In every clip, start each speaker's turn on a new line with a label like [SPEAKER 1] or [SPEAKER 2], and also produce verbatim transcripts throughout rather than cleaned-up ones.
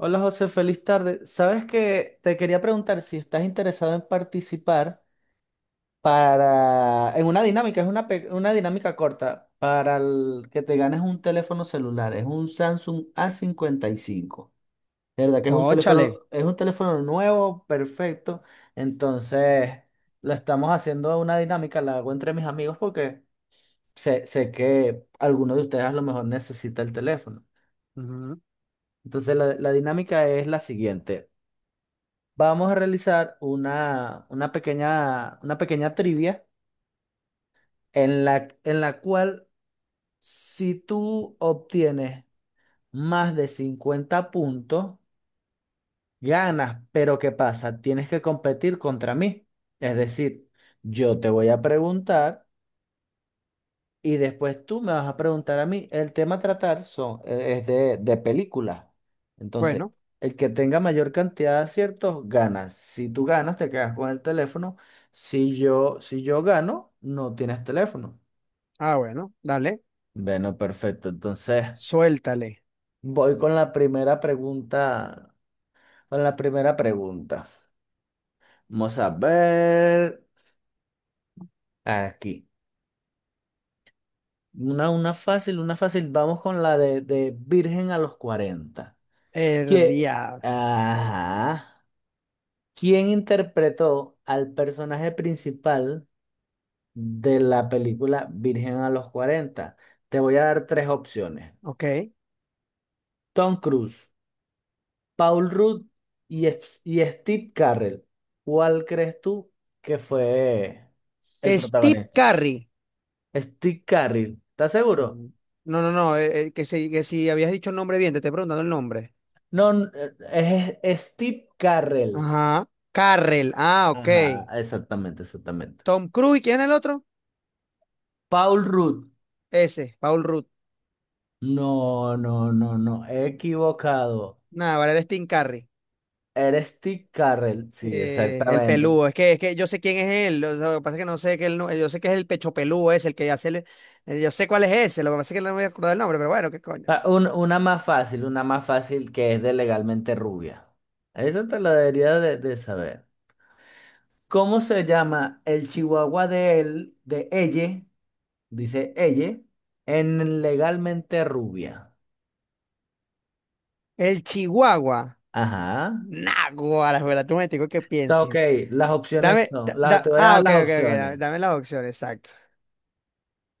[SPEAKER 1] Hola José, feliz tarde. Sabes que te quería preguntar si estás interesado en participar para en una dinámica, es una, pe- una dinámica corta para el- que te ganes un teléfono celular, es un Samsung A cincuenta y cinco. Cincuenta y cinco. De verdad que es un
[SPEAKER 2] Cónchale.
[SPEAKER 1] teléfono, es un teléfono nuevo, perfecto. Entonces, lo estamos haciendo una dinámica, la hago entre mis amigos porque sé, sé que alguno de ustedes a lo mejor necesita el teléfono.
[SPEAKER 2] Ujú.
[SPEAKER 1] Entonces, la la dinámica es la siguiente. Vamos a realizar una, una pequeña, una pequeña trivia en la, en la cual si tú obtienes más de cincuenta puntos, ganas. Pero ¿qué pasa? Tienes que competir contra mí. Es decir, yo te voy a preguntar. Y después tú me vas a preguntar a mí. El tema a tratar son, eh, es de, de películas. Entonces,
[SPEAKER 2] Bueno,
[SPEAKER 1] el que tenga mayor cantidad de aciertos, gana. Si tú ganas, te quedas con el teléfono. Si yo, si yo gano, no tienes teléfono.
[SPEAKER 2] ah, bueno, dale.
[SPEAKER 1] Bueno, perfecto. Entonces,
[SPEAKER 2] Suéltale.
[SPEAKER 1] voy con la primera pregunta. Con la primera pregunta. Vamos a ver aquí. Una, una fácil, una fácil. Vamos con la de, de Virgen a los cuarenta,
[SPEAKER 2] El
[SPEAKER 1] que,
[SPEAKER 2] diablo.
[SPEAKER 1] ajá, ¿quién interpretó al personaje principal de la película Virgen a los cuarenta? Te voy a dar tres opciones.
[SPEAKER 2] Ok.
[SPEAKER 1] Tom Cruise, Paul Rudd y, Es- y Steve Carell. ¿Cuál crees tú que fue el
[SPEAKER 2] Steve
[SPEAKER 1] protagonista?
[SPEAKER 2] Curry.
[SPEAKER 1] Steve Carell, ¿estás seguro?
[SPEAKER 2] Mm. No, no, no. eh, eh, que, si, que si habías dicho el nombre bien, te estoy preguntando el nombre.
[SPEAKER 1] No, n- eh, es, es Steve Carell.
[SPEAKER 2] Ajá. Carrell. Ah, ok.
[SPEAKER 1] Ajá, exactamente, exactamente.
[SPEAKER 2] Tom Cruise. ¿y ¿Quién es el otro?
[SPEAKER 1] Paul Rudd.
[SPEAKER 2] Ese, Paul Rudd.
[SPEAKER 1] No, no, no, no, he equivocado.
[SPEAKER 2] Nada, vale, el Steve Curry.
[SPEAKER 1] Eres Steve Carrell. Sí,
[SPEAKER 2] Eh, el
[SPEAKER 1] exactamente.
[SPEAKER 2] peludo. Es que, es que yo sé quién es él. Lo, lo que pasa es que no sé que él no- yo sé que es el pecho peludo ese, el que hace. el- eh, Yo sé cuál es ese. Lo que pasa es que no me voy a acordar el nombre, pero bueno, qué coño.
[SPEAKER 1] Ah, un- una más fácil, una más fácil que es de Legalmente Rubia. Eso te lo debería de, de saber. ¿Cómo se llama el chihuahua de él, de ella, dice ella, en Legalmente Rubia?
[SPEAKER 2] El Chihuahua.
[SPEAKER 1] Ajá.
[SPEAKER 2] Naguará, espera, tú me digo que
[SPEAKER 1] Está ok,
[SPEAKER 2] piensen.
[SPEAKER 1] las opciones
[SPEAKER 2] Dame,
[SPEAKER 1] son,
[SPEAKER 2] da-
[SPEAKER 1] las, te
[SPEAKER 2] da-
[SPEAKER 1] voy a
[SPEAKER 2] ah,
[SPEAKER 1] dar
[SPEAKER 2] ok,
[SPEAKER 1] las
[SPEAKER 2] ok, ok, da-
[SPEAKER 1] opciones.
[SPEAKER 2] dame, la opción, exacto.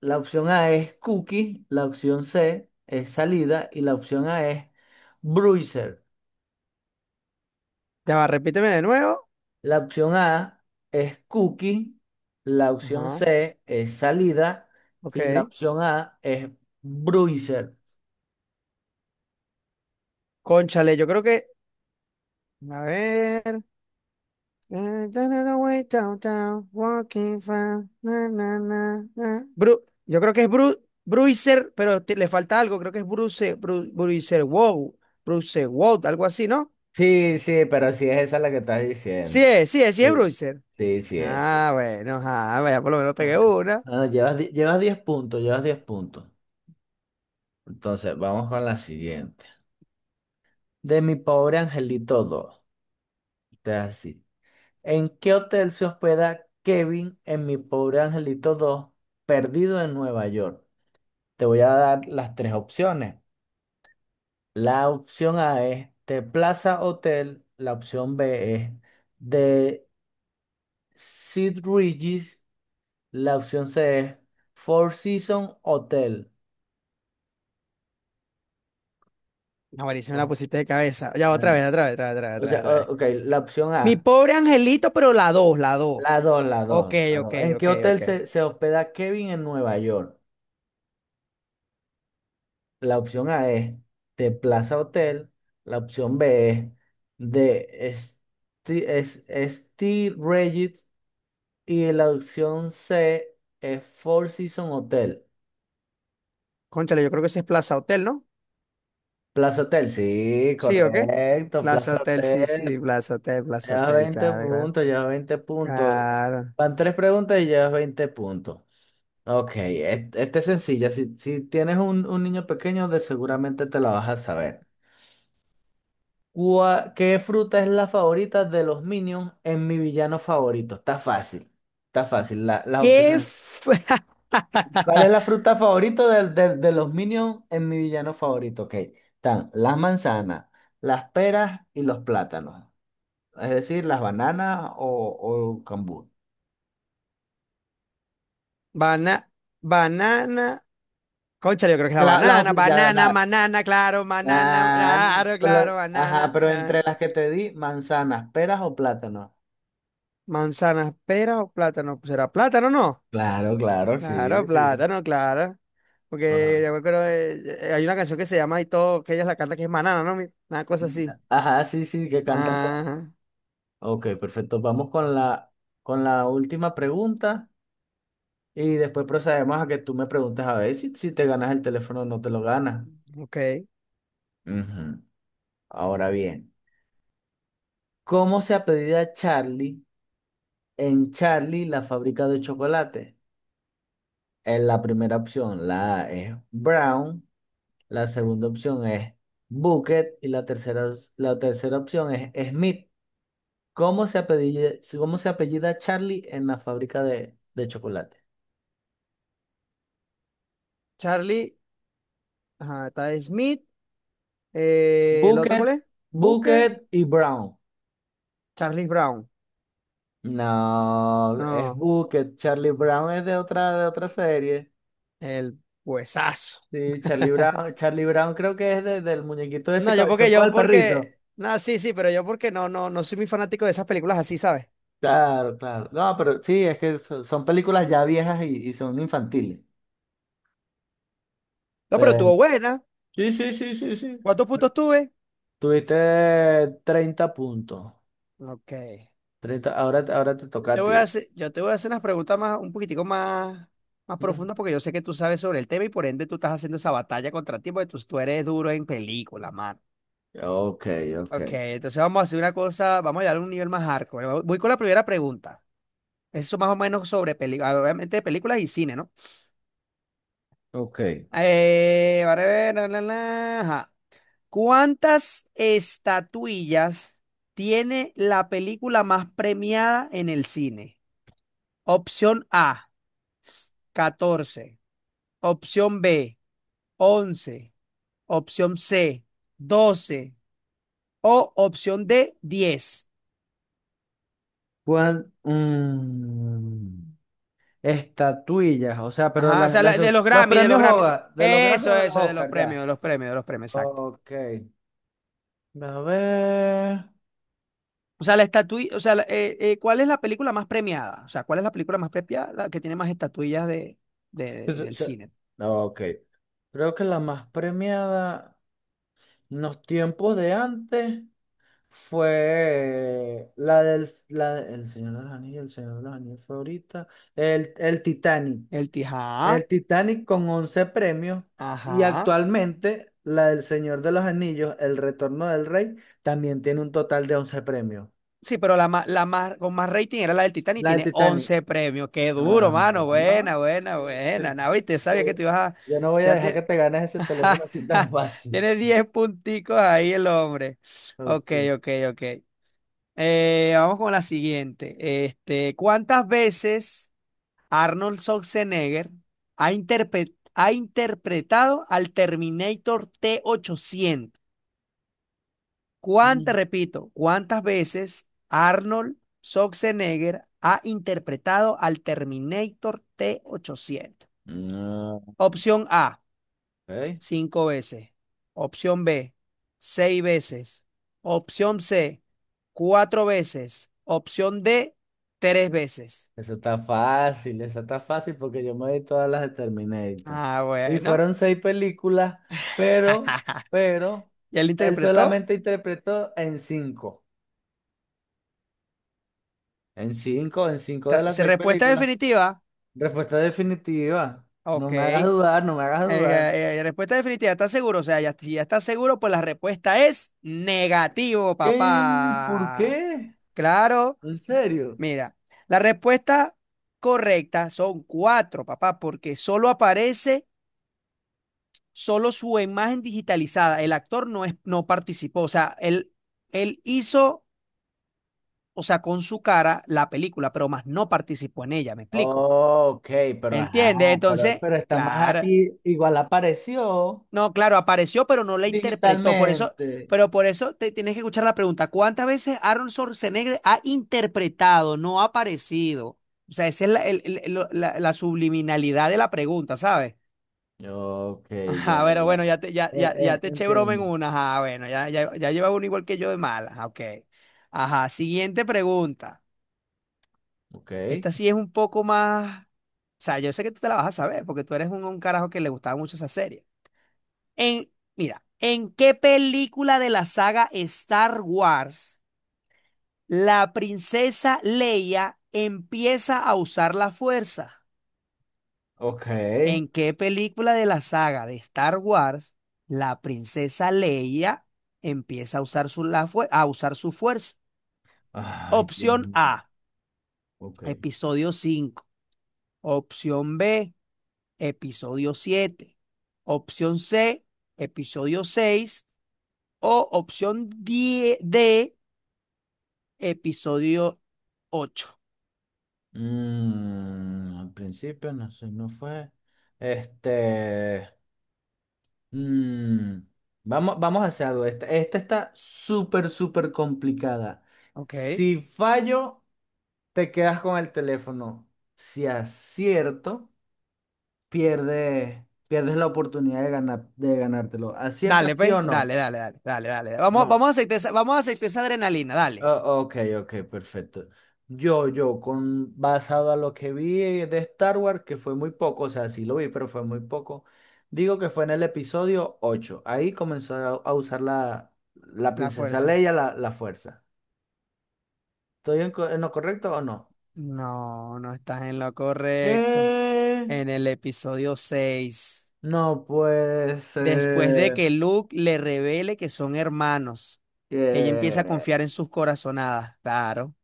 [SPEAKER 1] La opción A es cookie, la opción C es salida y la opción A es bruiser.
[SPEAKER 2] Ya va, repíteme de nuevo.
[SPEAKER 1] La opción A es cookie, la opción
[SPEAKER 2] Ajá,
[SPEAKER 1] C es salida y la
[SPEAKER 2] ok.
[SPEAKER 1] opción A es bruiser.
[SPEAKER 2] Cónchale, yo creo que, a ver. Eh, da, da, da, way downtown, walking fast, na, na, na, na. Bru- yo creo que es Bru, Bruiser, pero te- le falta algo, creo que es Bruce, Bru, Bruiser, wow, Bruce, wow, algo así, ¿no?
[SPEAKER 1] Sí, sí, pero sí es esa la que estás
[SPEAKER 2] Sí
[SPEAKER 1] diciendo.
[SPEAKER 2] es, sí es, sí es
[SPEAKER 1] Sí.
[SPEAKER 2] Bruiser.
[SPEAKER 1] Sí, sí es. Sí.
[SPEAKER 2] Ah, bueno, ah, vaya, por lo menos pegué
[SPEAKER 1] Bueno,
[SPEAKER 2] una.
[SPEAKER 1] ah, llevas, di- llevas diez puntos, llevas diez puntos. Entonces, vamos con la siguiente. De mi pobre angelito dos. Este es así. ¿En qué hotel se hospeda Kevin en Mi Pobre Angelito dos, perdido en Nueva York? Te voy a dar las tres opciones. La opción A es The Plaza Hotel, la opción B es The Sid Regis, la opción C es Four Seasons Hotel.
[SPEAKER 2] Ah, buenísimo, la
[SPEAKER 1] Bueno,
[SPEAKER 2] pusiste de cabeza. Ya, otra
[SPEAKER 1] ah,
[SPEAKER 2] vez, otra vez, otra vez, otra vez,
[SPEAKER 1] o
[SPEAKER 2] otra vez,
[SPEAKER 1] sea,
[SPEAKER 2] otra vez.
[SPEAKER 1] o- ok, la opción
[SPEAKER 2] Mi
[SPEAKER 1] A,
[SPEAKER 2] pobre angelito, pero la dos, la dos.
[SPEAKER 1] la dos, la
[SPEAKER 2] Ok,
[SPEAKER 1] dos, la
[SPEAKER 2] ok,
[SPEAKER 1] dos. ¿En qué
[SPEAKER 2] ok,
[SPEAKER 1] hotel
[SPEAKER 2] ok.
[SPEAKER 1] se, se hospeda Kevin en Nueva York? La opción A es de Plaza Hotel. La opción B es de Sti- es- Esti Regis. Y la opción C es Four Seasons Hotel.
[SPEAKER 2] Cónchale, yo creo que ese es Plaza Hotel, ¿no?
[SPEAKER 1] Plaza Hotel, sí,
[SPEAKER 2] Sí, ¿o qué?
[SPEAKER 1] correcto.
[SPEAKER 2] Plaza
[SPEAKER 1] Plaza
[SPEAKER 2] Hotel, sí,
[SPEAKER 1] Hotel.
[SPEAKER 2] sí, Plaza Hotel, Plaza
[SPEAKER 1] Llevas
[SPEAKER 2] Hotel,
[SPEAKER 1] veinte
[SPEAKER 2] claro, claro.
[SPEAKER 1] puntos, llevas veinte puntos.
[SPEAKER 2] Claro.
[SPEAKER 1] Van tres preguntas y llevas veinte puntos. Ok, e, este, es sencilla. Si, si tienes un, un niño pequeño, de seguramente te la vas a saber. ¿Cuá- ¿Qué fruta es la favorita de los Minions en mi villano favorito? Está fácil. Está fácil. la- las
[SPEAKER 2] ¿Qué
[SPEAKER 1] opciones.
[SPEAKER 2] fue?
[SPEAKER 1] ¿Cuál es la fruta favorita del- del- de, los Minions en mi villano favorito? Ok. Están las manzanas, las peras y los plátanos. Es decir, las bananas o, o cambur.
[SPEAKER 2] Bana- banana. Cónchale, yo creo que es la
[SPEAKER 1] La, la op-
[SPEAKER 2] banana.
[SPEAKER 1] ya,
[SPEAKER 2] Banana,
[SPEAKER 1] la-
[SPEAKER 2] banana, claro, banana,
[SPEAKER 1] la-
[SPEAKER 2] claro,
[SPEAKER 1] pero-
[SPEAKER 2] claro,
[SPEAKER 1] ajá,
[SPEAKER 2] banana.
[SPEAKER 1] pero
[SPEAKER 2] eh.
[SPEAKER 1] entre las que te di, manzanas, peras o plátanos.
[SPEAKER 2] Manzana, pera o plátano. ¿Será plátano, o no?
[SPEAKER 1] Claro, claro, sí,
[SPEAKER 2] Claro,
[SPEAKER 1] sí.
[SPEAKER 2] plátano, claro. Porque
[SPEAKER 1] Ajá,
[SPEAKER 2] yo me acuerdo de- eh, hay una canción que se llama y todo, que ella la canta que es Manana, ¿no? Mi- Una cosa así.
[SPEAKER 1] ajá, sí, sí, que cantan con...
[SPEAKER 2] Ah,
[SPEAKER 1] Ok, perfecto. Vamos con la, con la última pregunta y después procedemos a que tú me preguntes a ver si, si te ganas el teléfono o no te lo ganas.
[SPEAKER 2] ok.
[SPEAKER 1] Ujú. Ahora bien, ¿cómo se apellida Charlie en Charlie la fábrica de chocolate? En la primera opción, la A es Brown, la segunda opción es Bucket y la tercera, os- la tercera opción es Smith. ¿Cómo se apellida, cómo se apellida Charlie en la fábrica de, de chocolate?
[SPEAKER 2] Charlie, ajá, está Smith. eh, ¿el otro cuál
[SPEAKER 1] Bucket,
[SPEAKER 2] es? Booker,
[SPEAKER 1] Bucket y Brown.
[SPEAKER 2] Charlie Brown.
[SPEAKER 1] No, es
[SPEAKER 2] No,
[SPEAKER 1] Bucket. Charlie Brown es de otra, de otra serie.
[SPEAKER 2] el huesazo.
[SPEAKER 1] Sí, Charlie Brown, Charlie Brown creo que es de- del muñequito de ese
[SPEAKER 2] No, yo
[SPEAKER 1] cabezón
[SPEAKER 2] porque,
[SPEAKER 1] con
[SPEAKER 2] yo
[SPEAKER 1] el perrito.
[SPEAKER 2] porque, no, sí, sí, pero yo porque no, no, no soy muy fanático de esas películas así, ¿sabes?
[SPEAKER 1] Claro, claro. No, pero sí, es que so- son películas ya viejas y, y son infantiles.
[SPEAKER 2] No, pero
[SPEAKER 1] Pero-
[SPEAKER 2] tuvo buena.
[SPEAKER 1] sí, sí, sí, sí, sí.
[SPEAKER 2] ¿Cuántos puntos tuve?
[SPEAKER 1] Tuviste treinta puntos.
[SPEAKER 2] Ok.
[SPEAKER 1] Treinta. Ahora, ahora te toca
[SPEAKER 2] Le
[SPEAKER 1] a
[SPEAKER 2] voy
[SPEAKER 1] ti.
[SPEAKER 2] a hacer, yo te voy a hacer unas preguntas más, un poquitico más, más
[SPEAKER 1] Ujú.
[SPEAKER 2] profundas porque yo sé que tú sabes sobre el tema y por ende tú estás haciendo esa batalla contra ti porque tú, tú eres duro en película, mano.
[SPEAKER 1] Ok, ok,
[SPEAKER 2] Ok, entonces vamos a hacer una cosa, vamos a llegar a un nivel más hardcore. Voy voy con la primera pregunta. Eso más o menos sobre películas, obviamente de películas y cine, ¿no?
[SPEAKER 1] ok.
[SPEAKER 2] Eh, vale, ver, la, la, la, ajá. ¿Cuántas estatuillas tiene la película más premiada en el cine? Opción A, catorce. Opción B, once. Opción C, doce. O opción D, diez.
[SPEAKER 1] ¿Cuál? Mm, estatuillas, o sea, pero
[SPEAKER 2] Ajá, o
[SPEAKER 1] las,
[SPEAKER 2] sea,
[SPEAKER 1] las
[SPEAKER 2] la- de
[SPEAKER 1] dos-
[SPEAKER 2] los
[SPEAKER 1] los
[SPEAKER 2] Grammy, de los
[SPEAKER 1] premios
[SPEAKER 2] Grammys.
[SPEAKER 1] Hogar, de los Grammys
[SPEAKER 2] Eso,
[SPEAKER 1] o de los
[SPEAKER 2] eso, de los
[SPEAKER 1] Oscars,
[SPEAKER 2] premios, de
[SPEAKER 1] ya.
[SPEAKER 2] los premios, de los premios, exacto.
[SPEAKER 1] Ok. A ver.
[SPEAKER 2] O sea, la estatuilla, o sea, la- eh, eh, ¿cuál es la película más premiada? O sea, ¿cuál es la película más premiada? La que tiene más estatuillas de,
[SPEAKER 1] Es-
[SPEAKER 2] de- del
[SPEAKER 1] es-
[SPEAKER 2] cine.
[SPEAKER 1] Ok. Creo que la más premiada en los tiempos de antes fue la del la, de- El Señor de los Anillos, el Señor de los Anillos fue ahorita. El, el Titanic.
[SPEAKER 2] El Tijá,
[SPEAKER 1] El Titanic con once premios. Y
[SPEAKER 2] ajá.
[SPEAKER 1] actualmente la del Señor de los Anillos, El Retorno del Rey, también tiene un total de once premios.
[SPEAKER 2] Sí, pero la, ma- la más, con más rating era la del Titanic y
[SPEAKER 1] La del
[SPEAKER 2] tiene
[SPEAKER 1] Titanic.
[SPEAKER 2] once premios. Qué duro,
[SPEAKER 1] Ah,
[SPEAKER 2] mano.
[SPEAKER 1] no.
[SPEAKER 2] Buena, buena, buena. No, viste,
[SPEAKER 1] Ya,
[SPEAKER 2] sabía que tú ibas a...
[SPEAKER 1] ya no voy a
[SPEAKER 2] Ya
[SPEAKER 1] dejar que
[SPEAKER 2] te-
[SPEAKER 1] te ganes ese teléfono así tan fácil.
[SPEAKER 2] Tiene diez punticos ahí el hombre. Ok,
[SPEAKER 1] Ok.
[SPEAKER 2] ok, ok. Eh, vamos con la siguiente. Este, ¿cuántas veces Arnold Schwarzenegger ha, interpre- ha interpretado al Terminator T ochocientos? ¿Cuántas,
[SPEAKER 1] Mm.
[SPEAKER 2] repito, cuántas veces Arnold Schwarzenegger ha interpretado al Terminator T ochocientos?
[SPEAKER 1] No,
[SPEAKER 2] Opción A,
[SPEAKER 1] ok.
[SPEAKER 2] cinco veces. Opción B, seis veces. Opción C, cuatro veces. Opción D, tres veces.
[SPEAKER 1] Eso está fácil, eso está fácil porque yo me vi todas las de Terminator.
[SPEAKER 2] Ah,
[SPEAKER 1] Y
[SPEAKER 2] bueno,
[SPEAKER 1] fueron seis películas, pero, pero,
[SPEAKER 2] ya lo
[SPEAKER 1] él
[SPEAKER 2] interpretó.
[SPEAKER 1] solamente interpretó en cinco. En cinco, en cinco de
[SPEAKER 2] Ta-
[SPEAKER 1] las
[SPEAKER 2] ¿Se
[SPEAKER 1] seis
[SPEAKER 2] respuesta
[SPEAKER 1] películas.
[SPEAKER 2] definitiva?
[SPEAKER 1] Respuesta definitiva. No
[SPEAKER 2] Ok.
[SPEAKER 1] me hagas
[SPEAKER 2] Eh,
[SPEAKER 1] dudar, no me hagas dudar.
[SPEAKER 2] eh, eh, respuesta definitiva, ¿estás seguro? O sea, ya, si ya estás seguro, pues la respuesta es negativo,
[SPEAKER 1] ¿Qué? ¿Por
[SPEAKER 2] papá.
[SPEAKER 1] qué?
[SPEAKER 2] Claro,
[SPEAKER 1] ¿En serio?
[SPEAKER 2] mira, la respuesta correcta son cuatro, papá, porque solo aparece solo su imagen digitalizada, el actor no, es, no participó, o sea, él, él hizo, o sea, con su cara la película, pero más no participó en ella, ¿me explico?
[SPEAKER 1] Ok, pero ajá,
[SPEAKER 2] ¿Entiendes?
[SPEAKER 1] pero,
[SPEAKER 2] Entonces,
[SPEAKER 1] Pero está más
[SPEAKER 2] claro,
[SPEAKER 1] aquí, igual apareció
[SPEAKER 2] no, claro, apareció, pero no la interpretó, por eso,
[SPEAKER 1] digitalmente.
[SPEAKER 2] pero por eso te tienes que escuchar la pregunta, ¿cuántas veces Aaron Schwarzenegger ha interpretado, no ha aparecido? O sea, esa es la, el- el- lo- la la subliminalidad de la pregunta, ¿sabes?
[SPEAKER 1] Ok, ya,
[SPEAKER 2] Ajá, bueno,
[SPEAKER 1] ya.
[SPEAKER 2] bueno, ya te, ya,
[SPEAKER 1] Eh,
[SPEAKER 2] ya, ya
[SPEAKER 1] eh,
[SPEAKER 2] te eché broma en
[SPEAKER 1] entiendo.
[SPEAKER 2] una. Ajá, bueno, ya, ya, ya lleva uno igual que yo de mala. Ajá, ok. Ajá, siguiente pregunta.
[SPEAKER 1] Ok,
[SPEAKER 2] Esta sí es un poco más. O sea, yo sé que tú te la vas a saber porque tú eres un, un carajo que le gustaba mucho esa serie. En, mira, ¿en qué película de la saga Star Wars la princesa Leia empieza a usar la fuerza?
[SPEAKER 1] ok.
[SPEAKER 2] ¿En qué película de la saga de Star Wars la princesa Leia empieza a usar su, la fue- a usar su fuerza?
[SPEAKER 1] Ay, Dios
[SPEAKER 2] Opción A,
[SPEAKER 1] mío. Ok.
[SPEAKER 2] episodio cinco. Opción B, episodio siete. Opción C, episodio seis. O opción die D, episodio ocho.
[SPEAKER 1] Mm, al principio no sé, no fue. Este. mm, vamos, vamos a hacer algo. Esta, esta está súper, súper complicada.
[SPEAKER 2] Ok.
[SPEAKER 1] Si fallo. Te quedas con el teléfono. Si acierto, pierde, pierdes la oportunidad de ganar, de ganártelo.
[SPEAKER 2] Dale,
[SPEAKER 1] ¿Aciertas sí
[SPEAKER 2] pues.
[SPEAKER 1] o no?
[SPEAKER 2] Dale, dale, dale, dale, dale. Vamos,
[SPEAKER 1] No.
[SPEAKER 2] vamos a aceitar esa, vamos a aceitar esa adrenalina. Dale.
[SPEAKER 1] Oh, ok, ok, perfecto. Yo, yo, con, basado a lo que vi de Star Wars, que fue muy poco, o sea, sí lo vi, pero fue muy poco, digo que fue en el episodio ocho. Ahí comenzó a, a usar la, la
[SPEAKER 2] La
[SPEAKER 1] princesa
[SPEAKER 2] fuerza.
[SPEAKER 1] Leia la, la fuerza. ¿Estoy en, co- en lo correcto o no?
[SPEAKER 2] No, no estás en lo correcto.
[SPEAKER 1] ¿Qué?
[SPEAKER 2] En el episodio seis,
[SPEAKER 1] No pues...
[SPEAKER 2] después de que Luke le revele que son hermanos, ella empieza a
[SPEAKER 1] Que,
[SPEAKER 2] confiar en sus corazonadas. Claro.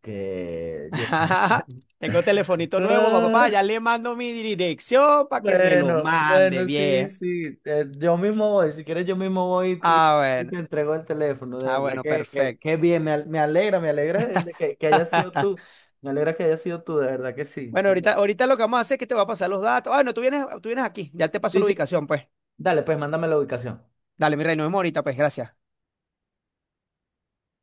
[SPEAKER 1] que yo.
[SPEAKER 2] Tengo telefonito nuevo, papá, papá,
[SPEAKER 1] Ah,
[SPEAKER 2] ya le mando mi dirección para que me lo
[SPEAKER 1] bueno,
[SPEAKER 2] mande
[SPEAKER 1] bueno, sí,
[SPEAKER 2] bien.
[SPEAKER 1] sí. eh, yo mismo voy, si quieres, yo mismo voy y,
[SPEAKER 2] Ah,
[SPEAKER 1] y te
[SPEAKER 2] bueno.
[SPEAKER 1] entrego el teléfono. De
[SPEAKER 2] Ah,
[SPEAKER 1] verdad
[SPEAKER 2] bueno,
[SPEAKER 1] que, que,
[SPEAKER 2] perfecto.
[SPEAKER 1] que bien, me, al- me alegra, me alegra de que, que haya sido tú. Me alegra que haya sido tú, de verdad que sí.
[SPEAKER 2] Bueno,
[SPEAKER 1] Por-
[SPEAKER 2] ahorita, ahorita lo que vamos a hacer es que te voy a pasar los datos. Ah, no, tú vienes, tú vienes aquí. Ya te paso
[SPEAKER 1] Sí,
[SPEAKER 2] la
[SPEAKER 1] sí.
[SPEAKER 2] ubicación, pues.
[SPEAKER 1] Dale, pues mándame la ubicación.
[SPEAKER 2] Dale, mi rey, nos vemos ahorita, pues, gracias.